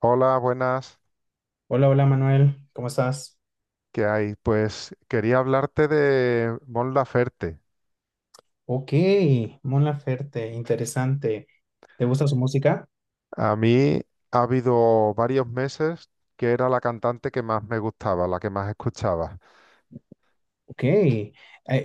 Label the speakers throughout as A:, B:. A: Hola, buenas.
B: Hola, hola Manuel, ¿cómo estás?
A: ¿Qué hay? Pues quería hablarte de Mon Laferte.
B: Ok, Mon Laferte, interesante. ¿Te gusta su música?
A: A mí ha habido varios meses que era la cantante que más me gustaba, la que más escuchaba.
B: Ok,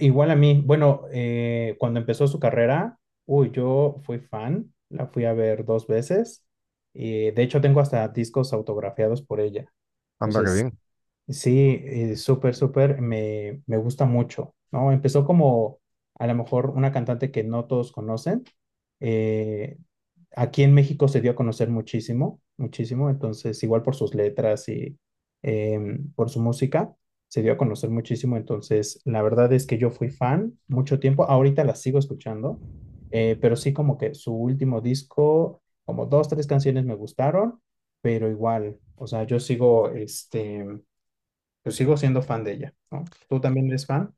B: igual a mí. Bueno, cuando empezó su carrera, uy, yo fui fan, la fui a ver dos veces y de hecho tengo hasta discos autografiados por ella.
A: Anda, qué
B: Entonces,
A: bien.
B: sí, súper, súper, me gusta mucho, ¿no? Empezó como a lo mejor una cantante que no todos conocen. eh, Aquí en México se dio a conocer muchísimo, muchísimo, entonces igual por sus letras y eh, por su música, se dio a conocer muchísimo. Entonces, la verdad es que yo fui fan mucho tiempo, ahorita la sigo escuchando, pero sí, como que su último disco, como dos, tres canciones me gustaron, pero igual, o sea, yo sigo siendo fan de ella, ¿no? ¿Tú también eres fan?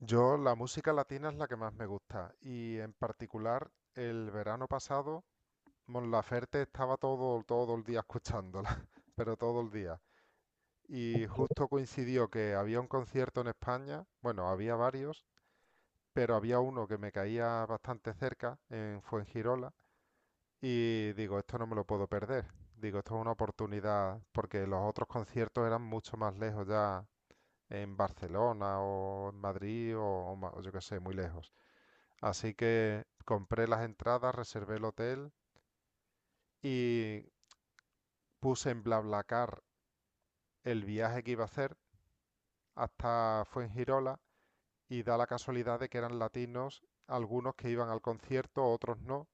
A: Yo la música latina es la que más me gusta y, en particular, el verano pasado Mon Laferte estaba todo, todo el día escuchándola, pero todo el día. Y
B: Ok.
A: justo coincidió que había un concierto en España, bueno, había varios, pero había uno que me caía bastante cerca en Fuengirola y digo, esto no me lo puedo perder. Digo, esto es una oportunidad porque los otros conciertos eran mucho más lejos ya, en Barcelona o en Madrid o o yo qué sé, muy lejos. Así que compré las entradas, reservé el hotel y puse en BlaBlaCar el viaje que iba a hacer hasta Fuengirola, y da la casualidad de que eran latinos, algunos que iban al concierto, otros no.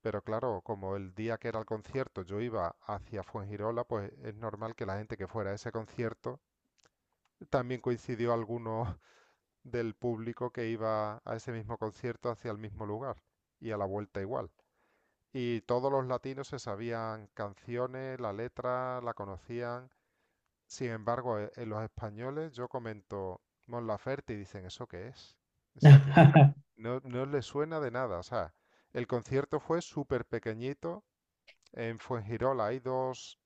A: Pero claro, como el día que era el concierto yo iba hacia Fuengirola, pues es normal que la gente que fuera a ese concierto también coincidió alguno del público que iba a ese mismo concierto hacia el mismo lugar, y a la vuelta igual. Y todos los latinos se sabían canciones, la letra, la conocían. Sin embargo, en los españoles yo comento Mon Laferte y dicen, ¿eso qué es? O sea, ¿quién es? No, no les suena de nada. O sea, el concierto fue súper pequeñito. En Fuengirola hay dos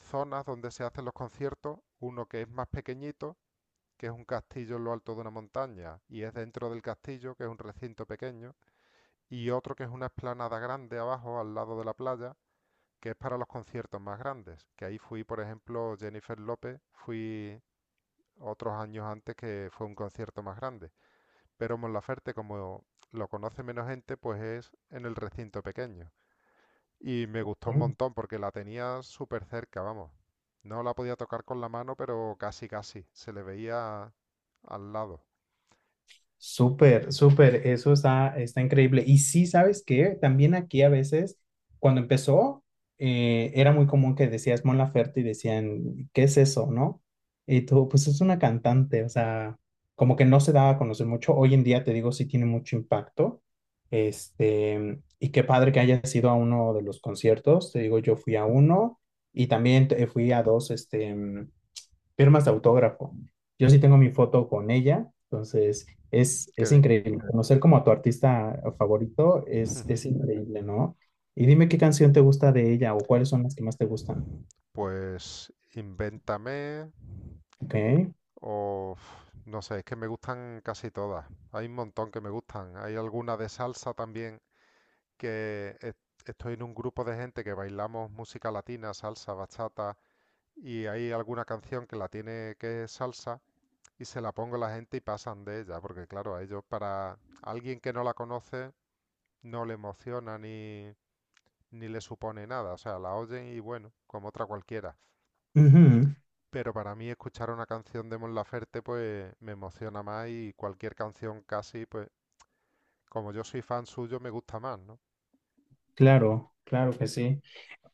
A: zonas donde se hacen los conciertos, uno que es más pequeñito, que es un castillo en lo alto de una montaña y es dentro del castillo, que es un recinto pequeño, y otro que es una explanada grande abajo al lado de la playa, que es para los conciertos más grandes, que ahí fui, por ejemplo, Jennifer López, fui otros años antes, que fue un concierto más grande, pero Monlaferte, como lo conoce menos gente, pues es en el recinto pequeño. Y me gustó un montón porque la tenía súper cerca, vamos. No la podía tocar con la mano, pero casi, casi. Se le veía al lado.
B: Súper, súper, eso está increíble. Y sí, ¿sabes qué? También aquí a veces, cuando empezó, era muy común que decías Mon Laferte y decían, ¿qué es eso, no? Y tú, pues es una cantante, o sea, como que no se daba a conocer mucho. Hoy en día, te digo, sí tiene mucho impacto. Y qué padre que hayas ido a uno de los conciertos. Te digo, yo fui a uno y también fui a dos, firmas de autógrafo. Yo sí tengo mi foto con ella, entonces es,
A: Qué
B: es
A: bien.
B: increíble. Conocer como a tu artista favorito es increíble, ¿no? Y dime qué canción te gusta de ella o cuáles son las que más te gustan.
A: Pues Invéntame
B: Ok.
A: o uf, no sé, es que me gustan casi todas. Hay un montón que me gustan. Hay alguna de salsa también que es- estoy en un grupo de gente que bailamos música latina, salsa, bachata, y hay alguna canción que la tiene que es salsa, y se la pongo a la gente y pasan de ella, porque claro, a ellos, para alguien que no la conoce, no le emociona ni, ni le supone nada, o sea, la oyen y bueno, como otra cualquiera.
B: Ujú.
A: Pero para mí escuchar una canción de Mon Laferte pues me emociona más, y cualquier canción casi, pues como yo soy fan suyo, me gusta más, ¿no?
B: Claro, claro que sí.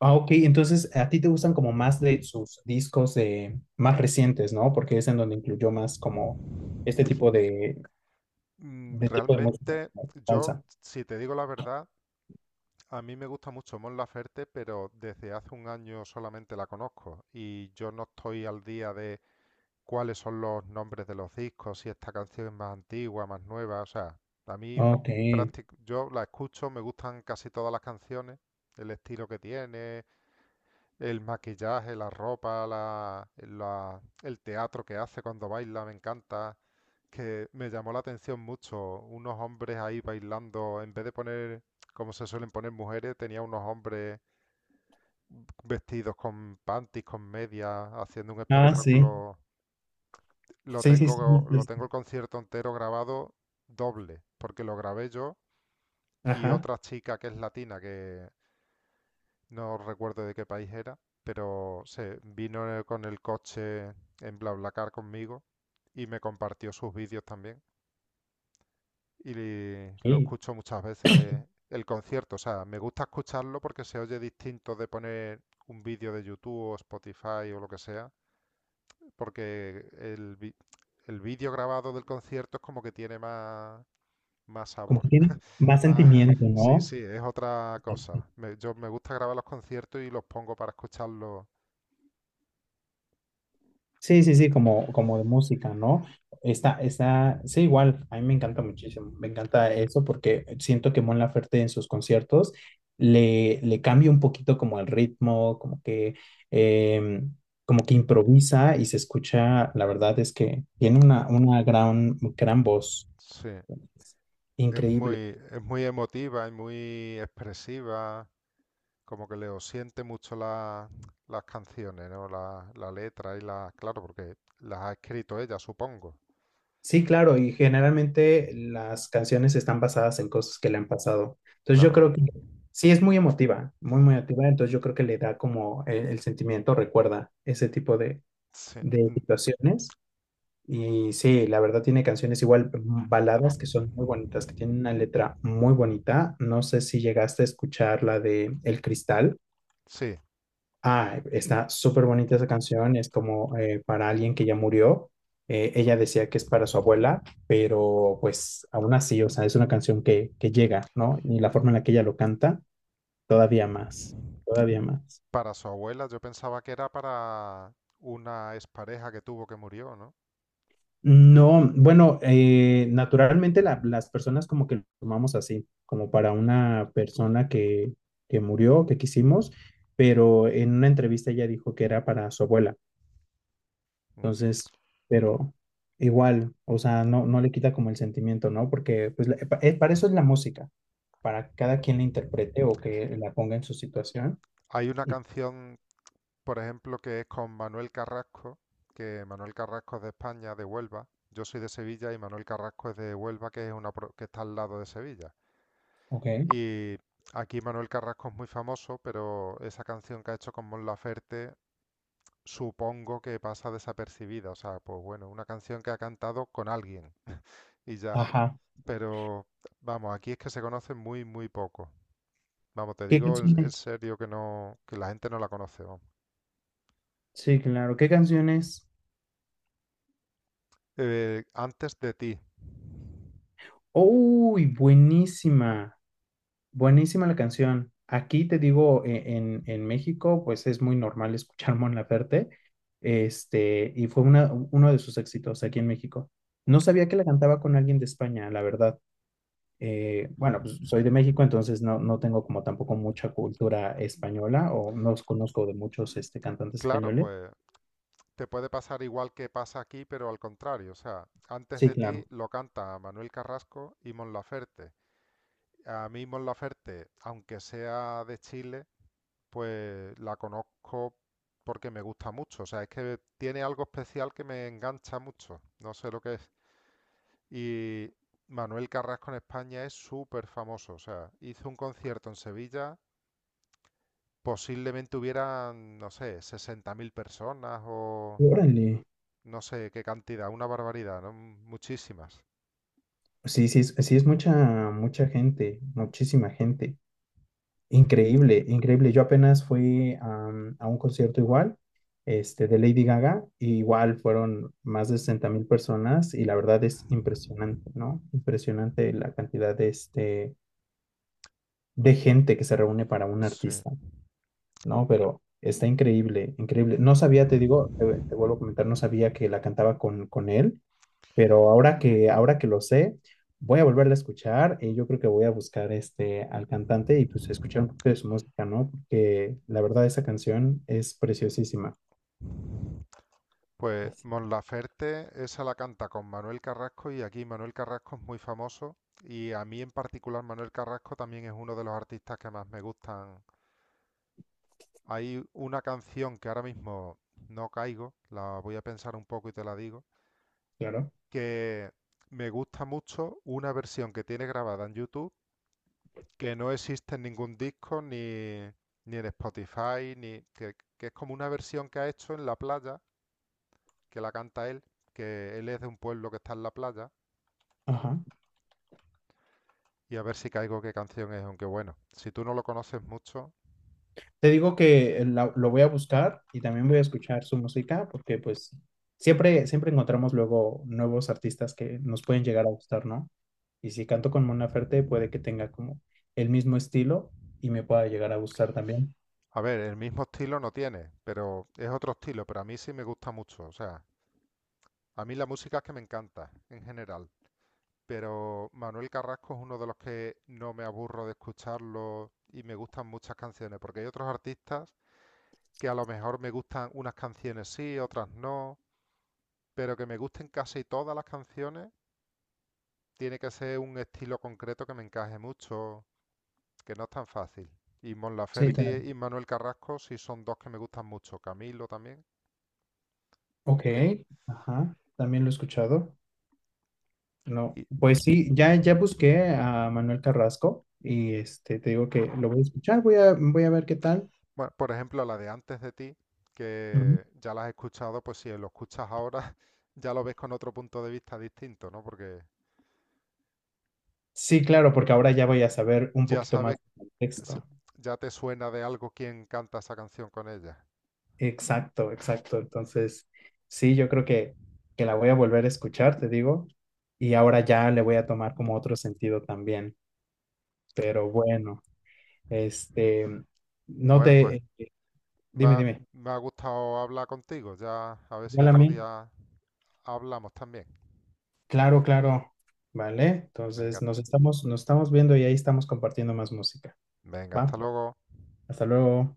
B: Ah, ok, entonces a ti te gustan como más de sus discos, de más recientes, ¿no? Porque es en donde incluyó más como este tipo de, de tipo de música,
A: Realmente
B: como
A: yo,
B: salsa.
A: si te digo la verdad, a mí me gusta mucho Mon Laferte, pero desde hace un año solamente la conozco y yo no estoy al día de cuáles son los nombres de los discos, si esta canción es más antigua, más nueva, o sea, a mí,
B: Ok.
A: yo la escucho, me gustan casi todas las canciones, el estilo que tiene, el maquillaje, la ropa, el teatro que hace cuando baila, me encanta, que me llamó la atención mucho, unos hombres ahí bailando, en vez de poner, como se suelen poner mujeres, tenía unos hombres vestidos con panties, con medias, haciendo un
B: Ah, sí.
A: espectáculo. Lo
B: Sí, sí, sí.
A: tengo, lo tengo el concierto entero grabado doble, porque lo grabé yo y
B: Ajá.
A: otra chica que es latina, que no recuerdo de qué país era, pero se vino con el coche en BlaBlaCar conmigo y me compartió sus vídeos también. Y lo
B: Ok.
A: escucho muchas veces el concierto. O sea, me gusta escucharlo porque se oye distinto de poner un vídeo de YouTube o Spotify o lo que sea. Porque el, el vídeo grabado del concierto es como que tiene más, más
B: Como que
A: sabor.
B: tiene más
A: Más,
B: sentimiento,
A: sí,
B: ¿no?
A: sí, es otra cosa. Yo me gusta grabar los conciertos y los pongo para escucharlos.
B: Sí, sí, sí, como de música, ¿no? Está, sí, igual, a mí me encanta muchísimo, me encanta eso porque siento que Mon Laferte en sus conciertos le cambia un poquito como el ritmo, eh, como que improvisa y se escucha. La verdad es que tiene una gran, gran voz,
A: Sí,
B: increíble.
A: es muy emotiva y muy expresiva, como que le siente mucho las canciones, ¿no? La letra y la, claro, porque las ha escrito ella, supongo.
B: Sí, claro, y generalmente las canciones están basadas en cosas que le han pasado. Entonces yo
A: Claro,
B: creo que sí es muy emotiva, muy, muy emotiva. Entonces yo creo que le da como el sentimiento, recuerda ese tipo de,
A: sí,
B: de
A: mm,
B: situaciones. Y sí, la verdad tiene canciones igual, baladas que son muy bonitas, que tienen una letra muy bonita. No sé si llegaste a escuchar la de El Cristal.
A: sí.
B: Ah, está súper bonita esa canción, es como para alguien que ya murió. Ella decía que es para su abuela, pero pues aún así, o sea, es una canción que llega, ¿no? Y la forma en la que ella lo canta, todavía más, todavía más.
A: Para su abuela, yo pensaba que era para una expareja que tuvo, que murió, ¿no?
B: No, bueno, naturalmente las personas como que lo tomamos así, como para una persona que murió, que quisimos, pero en una entrevista ella dijo que era para su abuela.
A: Mm.
B: Entonces, pero igual, o sea, no, no le quita como el sentimiento, ¿no? Porque pues, para eso es la música, para que cada quien la interprete o que la ponga en su situación.
A: Hay una
B: Y,
A: canción, por ejemplo, que es con Manuel Carrasco, que Manuel Carrasco es de España, de Huelva. Yo soy de Sevilla y Manuel Carrasco es de Huelva, que es una que está al lado de Sevilla.
B: ok,
A: Y aquí Manuel Carrasco es muy famoso, pero esa canción que ha hecho con Mon Laferte, supongo que pasa desapercibida. O sea, pues bueno, una canción que ha cantado con alguien y ya.
B: ajá.
A: Pero vamos, aquí es que se conoce muy, muy poco. Vamos, te
B: ¿Qué
A: digo en
B: canciones?
A: serio que no, que la gente no la conoce, vamos.
B: Sí, claro, ¿qué canciones?
A: Antes de ti.
B: ¡Uy, buenísima! Buenísima la canción. Aquí te digo, en México, pues es muy normal escuchar Mon Laferte, y fue uno de sus éxitos aquí en México. No sabía que la cantaba con alguien de España, la verdad. Bueno, pues soy de México, entonces no, no tengo como tampoco mucha cultura española o no os conozco de muchos, cantantes
A: Claro,
B: españoles.
A: pues te puede pasar igual que pasa aquí, pero al contrario. O sea, antes
B: Sí,
A: de ti
B: claro.
A: lo canta Manuel Carrasco y Mon Laferte. A mí Mon Laferte, aunque sea de Chile, pues la conozco porque me gusta mucho. O sea, es que tiene algo especial que me engancha mucho. No sé lo que es. Y Manuel Carrasco en España es súper famoso. O sea, hizo un concierto en Sevilla. Posiblemente hubieran, no sé, 60.000 personas o
B: Órale.
A: no sé qué cantidad, una barbaridad, ¿no? Muchísimas.
B: Sí, sí, sí, es mucha, mucha gente, muchísima gente. Increíble, increíble. Yo apenas fui a un concierto igual, de Lady Gaga, y igual fueron más de 60.000 personas y la verdad es impresionante, ¿no? Impresionante la cantidad de gente que se reúne para un
A: Sí.
B: artista. No, pero está increíble, increíble. No sabía, te digo, te vuelvo a comentar, no sabía que la cantaba con él, pero ahora que lo sé, voy a volverla a escuchar y yo creo que voy a buscar, al cantante, y pues escuchar un poquito de su música, ¿no? Porque la verdad esa canción es preciosísima.
A: Pues Mon Laferte, esa la canta con Manuel Carrasco, y aquí Manuel Carrasco es muy famoso, y a mí en particular Manuel Carrasco también es uno de los artistas que más me gustan. Hay una canción que ahora mismo no caigo, la voy a pensar un poco y te la digo,
B: Claro.
A: que me gusta mucho una versión que tiene grabada en YouTube, que no existe en ningún disco ni, ni en Spotify, ni que es como una versión que ha hecho en la playa, que la canta él, que él es de un pueblo que está en la playa,
B: Ajá.
A: y a ver si caigo qué canción es, aunque bueno, si tú no lo conoces mucho.
B: Te digo que lo voy a buscar y también voy a escuchar su música, porque pues siempre, siempre encontramos luego nuevos artistas que nos pueden llegar a gustar, ¿no? Y si canto con Mon Laferte, puede que tenga como el mismo estilo y me pueda llegar a gustar también.
A: A ver, el mismo estilo no tiene, pero es otro estilo, pero a mí sí me gusta mucho, o sea, a mí la música es que me encanta en general. Pero Manuel Carrasco es uno de los que no me aburro de escucharlo y me gustan muchas canciones, porque hay otros artistas que a lo mejor me gustan unas canciones sí, otras no, pero que me gusten casi todas las canciones, tiene que ser un estilo concreto que me encaje mucho, que no es tan fácil. Y Mon
B: Sí, claro.
A: Laferte y Manuel Carrasco sí son dos que me gustan mucho, Camilo también,
B: Ok,
A: aunque.
B: ajá, también lo he escuchado. No,
A: Y
B: pues sí, ya, ya busqué a Manuel Carrasco y, te digo que lo voy a escuchar, voy a ver qué tal.
A: bueno, por ejemplo, la de antes de ti,
B: Ujú.
A: que ya la has escuchado, pues si lo escuchas ahora, ya lo ves con otro punto de vista distinto, ¿no? Porque
B: Sí, claro, porque ahora ya voy a saber un
A: ya
B: poquito
A: sabes,
B: más del
A: s-
B: contexto.
A: ya te suena de algo quién canta esa canción con ella.
B: Exacto, exacto. Entonces, sí, yo creo que la voy a volver a escuchar, te digo, y ahora ya le voy a tomar como otro sentido también. Pero bueno, este, no
A: Bueno, pues
B: te,
A: me
B: dime,
A: ha,
B: dime,
A: me ha gustado hablar contigo. Ya a ver si
B: igual a
A: otro
B: mí,
A: día hablamos también.
B: claro, claro, ¿vale?
A: Venga,
B: Entonces, nos estamos viendo y ahí estamos compartiendo más música,
A: venga,
B: ¿va?
A: hasta luego.
B: Hasta luego.